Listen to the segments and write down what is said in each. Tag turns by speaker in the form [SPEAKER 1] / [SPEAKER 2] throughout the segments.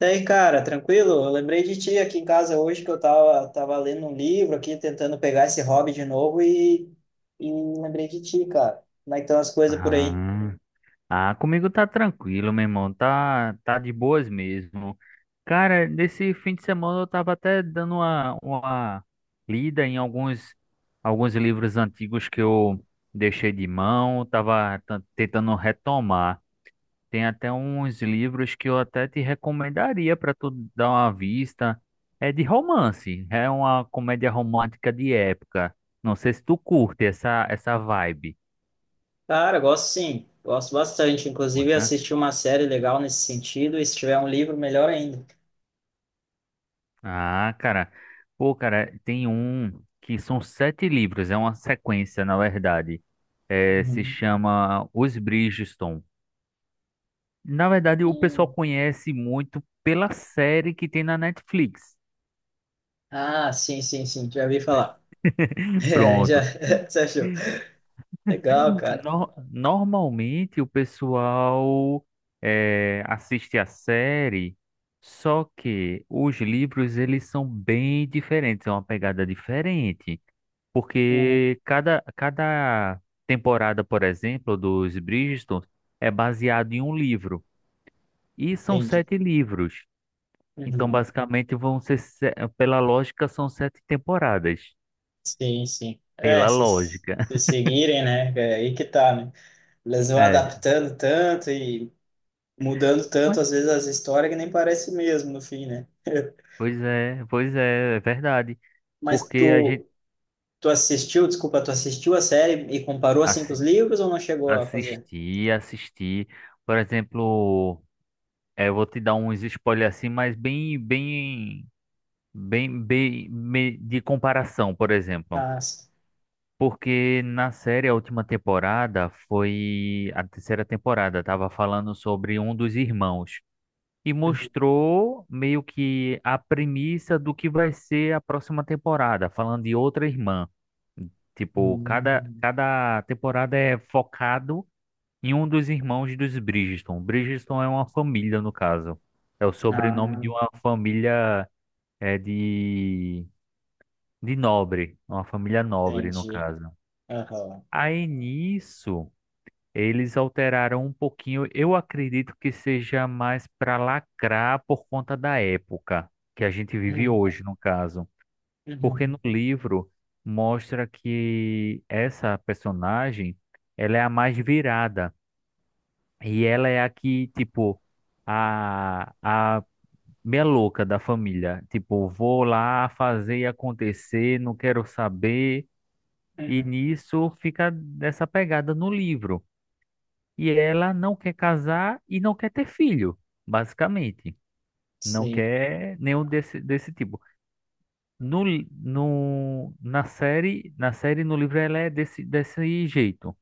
[SPEAKER 1] E aí, cara, tranquilo? Eu lembrei de ti aqui em casa hoje que eu tava lendo um livro aqui, tentando pegar esse hobby de novo e lembrei de ti, cara. Como é que estão as coisas por aí?
[SPEAKER 2] Ah, ah, comigo tá tranquilo, meu irmão. Tá de boas mesmo. Cara, nesse fim de semana eu tava até dando uma lida em alguns livros antigos que eu deixei de mão, tava tentando retomar. Tem até uns livros que eu até te recomendaria para tu dar uma vista. É de romance, é uma comédia romântica de época. Não sei se tu curte essa vibe.
[SPEAKER 1] Cara, gosto sim, gosto bastante. Inclusive, assisti uma série legal nesse sentido e se tiver um livro, melhor ainda.
[SPEAKER 2] Ah, cara. Pô, cara, tem um que são 7 livros, é uma sequência, na verdade. É, se
[SPEAKER 1] Uhum.
[SPEAKER 2] chama Os Bridgerton. Na verdade, o pessoal
[SPEAKER 1] Hum.
[SPEAKER 2] conhece muito pela série que tem na Netflix.
[SPEAKER 1] Ah, sim, sim, sim, já ouvi falar. É, já,
[SPEAKER 2] Pronto.
[SPEAKER 1] você achou. Legal, cara.
[SPEAKER 2] Normalmente o pessoal assiste a série, só que os livros eles são bem diferentes, é uma pegada diferente.
[SPEAKER 1] Hum,
[SPEAKER 2] Porque cada temporada, por exemplo, dos Bridgerton é baseado em um livro. E são
[SPEAKER 1] entendi.
[SPEAKER 2] 7 livros. Então,
[SPEAKER 1] Uhum.
[SPEAKER 2] basicamente, vão ser, pela lógica, são 7 temporadas.
[SPEAKER 1] Sim, sim. É,
[SPEAKER 2] Pela
[SPEAKER 1] se,
[SPEAKER 2] lógica.
[SPEAKER 1] se seguirem, né? É aí que tá, né? Eles vão
[SPEAKER 2] É.
[SPEAKER 1] adaptando tanto e mudando
[SPEAKER 2] Mas,
[SPEAKER 1] tanto, às vezes, as histórias que nem parece mesmo no fim, né?
[SPEAKER 2] pois é, é verdade.
[SPEAKER 1] Mas
[SPEAKER 2] Porque a gente
[SPEAKER 1] tu assistiu, desculpa, tu assistiu a série e comparou assim com os
[SPEAKER 2] assi-
[SPEAKER 1] livros ou não chegou a fazer?
[SPEAKER 2] assistir, assistir. Por exemplo, eu vou te dar uns spoilers assim, mas bem, bem, bem, bem, de comparação, por exemplo.
[SPEAKER 1] Ah,
[SPEAKER 2] Porque na série, a última temporada foi a terceira temporada, tava falando sobre um dos irmãos e mostrou meio que a premissa do que vai ser a próxima temporada, falando de outra irmã. Tipo, cada,
[SPEAKER 1] Uhum.
[SPEAKER 2] cada temporada é focado em um dos irmãos dos Bridgerton. Bridgerton é uma família, no caso. É o sobrenome de
[SPEAKER 1] Ah,
[SPEAKER 2] uma família é, de, de nobre, uma família nobre, no
[SPEAKER 1] entendi.
[SPEAKER 2] caso.
[SPEAKER 1] Aham.
[SPEAKER 2] Aí nisso. Eles alteraram um pouquinho, eu acredito que seja mais para lacrar por conta da época que a gente vive
[SPEAKER 1] Uhum.
[SPEAKER 2] hoje, no caso. Porque
[SPEAKER 1] Uhum.
[SPEAKER 2] no livro mostra que essa personagem, ela é a mais virada e ela é a que, tipo, a meia louca da família, tipo, vou lá fazer e acontecer, não quero saber, e
[SPEAKER 1] Uhum.
[SPEAKER 2] nisso fica dessa pegada no livro. E ela não quer casar e não quer ter filho, basicamente. Não
[SPEAKER 1] Sim.
[SPEAKER 2] quer nenhum desse tipo. No, na série, no livro, ela é desse jeito.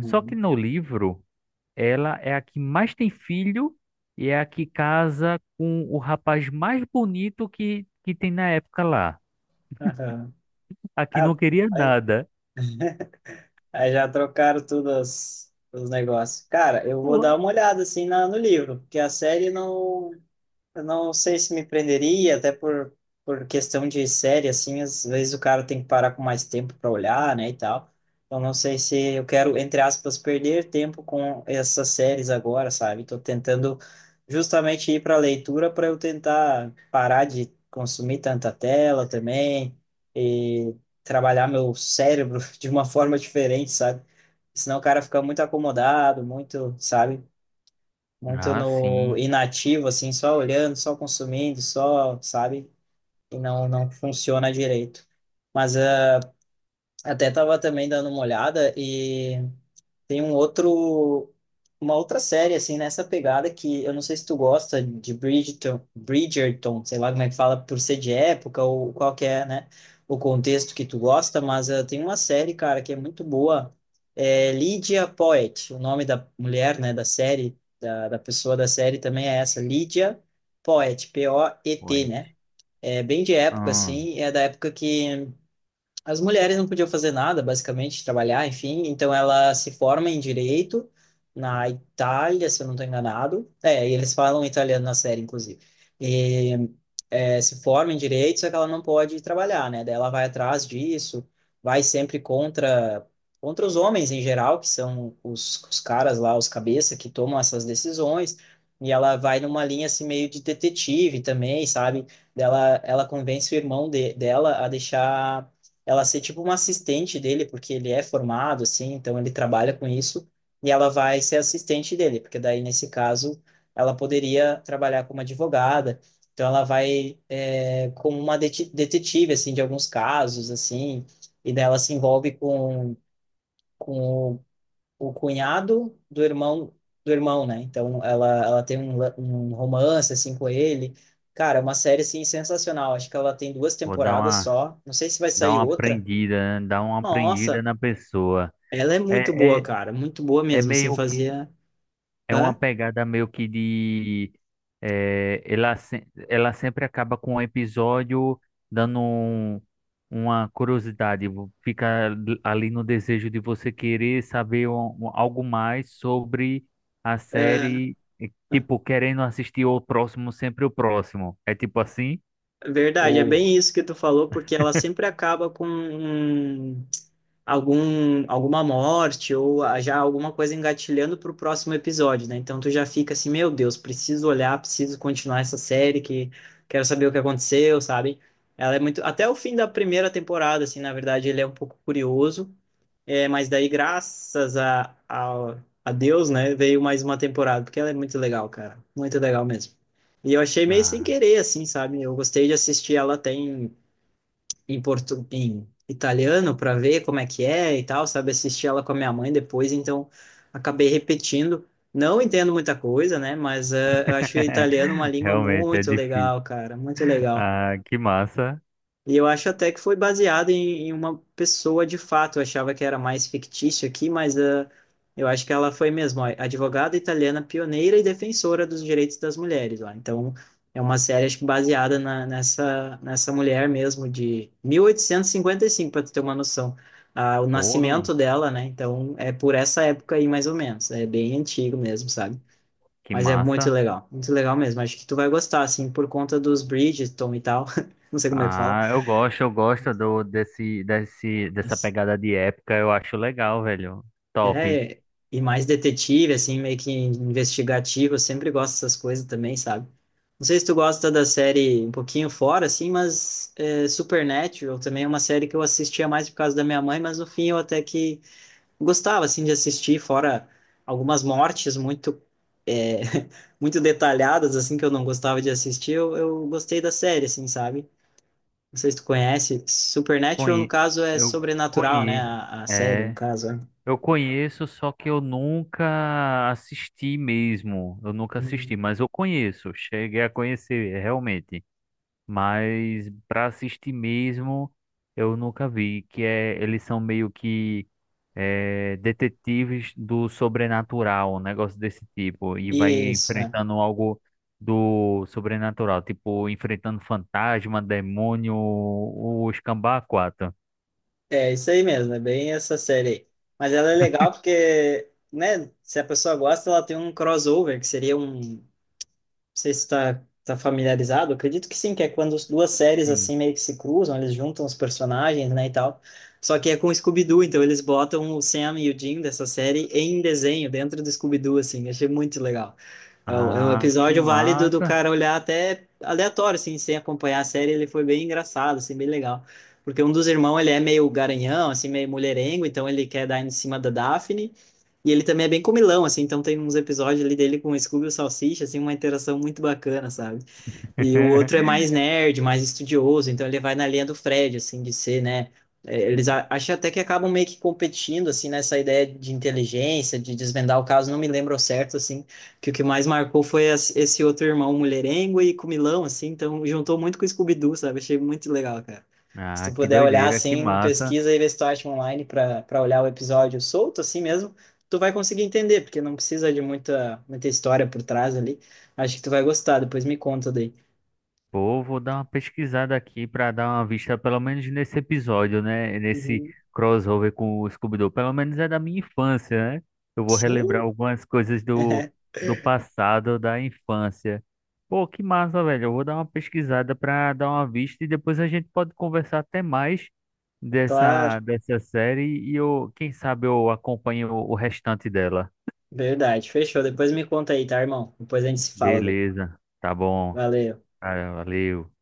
[SPEAKER 2] Só que no livro, ela é a que mais tem filho e é a que casa com o rapaz mais bonito que tem na época lá.
[SPEAKER 1] Aham.
[SPEAKER 2] A que não
[SPEAKER 1] Ah,
[SPEAKER 2] queria
[SPEAKER 1] aí,
[SPEAKER 2] nada.
[SPEAKER 1] aí já trocaram tudo os negócios. Cara, eu vou dar
[SPEAKER 2] Ué.
[SPEAKER 1] uma olhada assim no livro, porque a série não. Eu não sei se me prenderia, até por questão de série, assim, às vezes o cara tem que parar com mais tempo para olhar, né, e tal. Eu não sei se eu quero, entre aspas, perder tempo com essas séries agora, sabe? Tô tentando justamente ir para leitura para eu tentar parar de consumir tanta tela também e trabalhar meu cérebro de uma forma diferente, sabe? Senão o cara fica muito acomodado, muito, sabe? Muito
[SPEAKER 2] Ah,
[SPEAKER 1] no
[SPEAKER 2] sim.
[SPEAKER 1] inativo, assim, só olhando, só consumindo, só, sabe? E não, não funciona direito. Mas até tava também dando uma olhada e tem um outro, uma outra série, assim, nessa pegada que eu não sei se tu gosta de Bridgerton, Bridgerton, sei lá como é que fala, por ser de época ou qual que é, né, o contexto que tu gosta, mas tem uma série, cara, que é muito boa, é Lydia Poet, o nome da mulher, né, da série, da pessoa da série também é essa, Lydia Poet, Poet,
[SPEAKER 2] Ué.
[SPEAKER 1] né, é bem de época,
[SPEAKER 2] Ah,
[SPEAKER 1] assim, é da época que as mulheres não podiam fazer nada, basicamente, trabalhar, enfim. Então ela se forma em direito na Itália, se eu não estou enganado. É, e eles falam italiano na série, inclusive. E se forma em direito, só que ela não pode trabalhar, né? Daí ela vai atrás disso, vai sempre contra os homens em geral, que são os caras lá, os cabeça, que tomam essas decisões. E ela vai numa linha assim meio de detetive também, sabe? Ela convence o irmão dela a deixar ela ser tipo uma assistente dele, porque ele é formado, assim, então ele trabalha com isso, e ela vai ser assistente dele, porque daí, nesse caso, ela poderia trabalhar como advogada, então ela vai como uma detetive, assim, de alguns casos, assim, e daí ela se envolve com o cunhado do irmão, né? Então ela tem um romance, assim, com ele, cara, é uma série assim sensacional. Acho que ela tem duas
[SPEAKER 2] vou dar
[SPEAKER 1] temporadas
[SPEAKER 2] uma.
[SPEAKER 1] só. Não sei se vai
[SPEAKER 2] Dá
[SPEAKER 1] sair
[SPEAKER 2] uma
[SPEAKER 1] outra,
[SPEAKER 2] aprendida, né? Dá uma aprendida
[SPEAKER 1] nossa,
[SPEAKER 2] na pessoa.
[SPEAKER 1] ela é muito
[SPEAKER 2] É,
[SPEAKER 1] boa,
[SPEAKER 2] é,
[SPEAKER 1] cara, muito boa
[SPEAKER 2] é
[SPEAKER 1] mesmo, assim,
[SPEAKER 2] meio que.
[SPEAKER 1] fazia,
[SPEAKER 2] É uma
[SPEAKER 1] hã?
[SPEAKER 2] pegada meio que de. Ela, ela sempre acaba com um episódio dando uma curiosidade. Fica ali no desejo de você querer saber algo mais sobre a
[SPEAKER 1] É,
[SPEAKER 2] série. E, tipo, querendo assistir o próximo, sempre o próximo. É tipo assim?
[SPEAKER 1] é verdade, é
[SPEAKER 2] Ou.
[SPEAKER 1] bem isso que tu falou, porque ela sempre acaba com alguma morte ou já alguma coisa engatilhando pro próximo episódio, né? Então tu já fica assim, meu Deus, preciso olhar, preciso continuar essa série, que quero saber o que aconteceu, sabe? Ela é muito, até o fim da primeira temporada, assim, na verdade, ele é um pouco curioso. É, mas daí, graças a Deus, né, veio mais uma temporada, porque ela é muito legal, cara. Muito legal mesmo. E eu achei meio sem
[SPEAKER 2] Ah.
[SPEAKER 1] querer, assim, sabe? Eu gostei de assistir ela até em italiano, para ver como é que é e tal, sabe? Assisti ela com a minha mãe depois, então acabei repetindo. Não entendo muita coisa, né, mas eu achei o italiano uma língua
[SPEAKER 2] Realmente, é
[SPEAKER 1] muito
[SPEAKER 2] difícil.
[SPEAKER 1] legal, cara. Muito legal.
[SPEAKER 2] Ah, que massa.
[SPEAKER 1] E eu acho até que foi baseado em uma pessoa de fato. Eu achava que era mais fictício aqui, mas eu acho que ela foi mesmo, ó, advogada italiana pioneira e defensora dos direitos das mulheres lá. Então, é uma série acho que baseada nessa mulher mesmo, de 1855, para tu ter uma noção. Ah, o
[SPEAKER 2] Pô,
[SPEAKER 1] nascimento dela, né? Então, é por essa época aí, mais ou menos. É bem antigo mesmo, sabe?
[SPEAKER 2] que
[SPEAKER 1] Mas é
[SPEAKER 2] massa.
[SPEAKER 1] muito legal mesmo. Acho que tu vai gostar, assim, por conta dos Bridgerton e tal. Não sei como é que fala.
[SPEAKER 2] Ah, eu gosto do desse desse dessa pegada de época, eu acho legal, velho. Top.
[SPEAKER 1] É, e mais detetive, assim, meio que investigativo, eu sempre gosto dessas coisas também, sabe? Não sei se tu gosta da série um pouquinho fora, assim, mas é, Supernatural também é uma série que eu assistia mais por causa da minha mãe, mas no fim eu até que gostava, assim, de assistir, fora algumas mortes muito, é, muito detalhadas, assim, que eu não gostava de assistir, eu gostei da série, assim, sabe? Não sei se tu conhece. Supernatural, no
[SPEAKER 2] Conhe
[SPEAKER 1] caso, é
[SPEAKER 2] eu
[SPEAKER 1] sobrenatural, né?
[SPEAKER 2] conheço.
[SPEAKER 1] A série, no
[SPEAKER 2] É,
[SPEAKER 1] caso,
[SPEAKER 2] eu conheço, só que eu nunca assisti mesmo. Eu nunca
[SPEAKER 1] é.
[SPEAKER 2] assisti, mas eu conheço, cheguei a conhecer realmente. Mas para assistir mesmo eu nunca vi, que é eles são meio que detetives do sobrenatural, um negócio desse tipo, e vai
[SPEAKER 1] Isso, é.
[SPEAKER 2] enfrentando algo do sobrenatural, tipo enfrentando fantasma, demônio, o escambau a quatro.
[SPEAKER 1] É isso aí mesmo, é bem essa série aí. Mas ela é legal porque, né, se a pessoa gosta, ela tem um crossover, que seria um, sei se está tá familiarizado, acredito que sim, que é quando as duas séries
[SPEAKER 2] Sim.
[SPEAKER 1] assim meio que se cruzam, eles juntam os personagens, né, e tal. Só que é com o Scooby-Doo, então eles botam o Sam e o Jim dessa série em desenho, dentro do Scooby-Doo, assim, achei muito legal. É um
[SPEAKER 2] Ah, que
[SPEAKER 1] episódio válido do
[SPEAKER 2] massa!
[SPEAKER 1] cara olhar até aleatório, assim, sem acompanhar a série, ele foi bem engraçado, assim, bem legal. Porque um dos irmãos, ele é meio garanhão, assim, meio mulherengo, então ele quer dar em cima da Daphne, e ele também é bem comilão, assim, então tem uns episódios ali dele com o Scooby e o Salsicha, assim, uma interação muito bacana, sabe? E o outro é mais nerd, mais estudioso, então ele vai na linha do Fred, assim, de ser, né? É, acho até que acabam meio que competindo, assim, nessa ideia de inteligência, de desvendar o caso, não me lembro ao certo, assim, que o que mais marcou foi esse outro irmão mulherengo e comilão, assim, então juntou muito com o Scooby-Doo, sabe? Achei muito legal, cara. Se
[SPEAKER 2] Ah,
[SPEAKER 1] tu
[SPEAKER 2] que
[SPEAKER 1] puder olhar,
[SPEAKER 2] doideira, que
[SPEAKER 1] assim,
[SPEAKER 2] massa!
[SPEAKER 1] pesquisa e vê se tu acha online para olhar o episódio solto, assim mesmo, tu vai conseguir entender, porque não precisa de muita, muita história por trás ali. Acho que tu vai gostar, depois me conta daí.
[SPEAKER 2] Pô, vou dar uma pesquisada aqui para dar uma vista, pelo menos nesse episódio, né? Nesse
[SPEAKER 1] Uhum.
[SPEAKER 2] crossover com o Scooby-Doo. Pelo menos é da minha infância, né? Eu vou relembrar
[SPEAKER 1] Sim,
[SPEAKER 2] algumas coisas do, do passado, da infância. Pô, que massa, velho. Eu vou dar uma pesquisada para dar uma vista e depois a gente pode conversar até mais dessa,
[SPEAKER 1] claro.
[SPEAKER 2] dessa série e eu, quem sabe eu acompanho o restante dela.
[SPEAKER 1] Verdade. Fechou. Depois me conta aí, tá, irmão? Depois a gente se fala daí.
[SPEAKER 2] Beleza, tá bom.
[SPEAKER 1] Valeu.
[SPEAKER 2] Ah, valeu.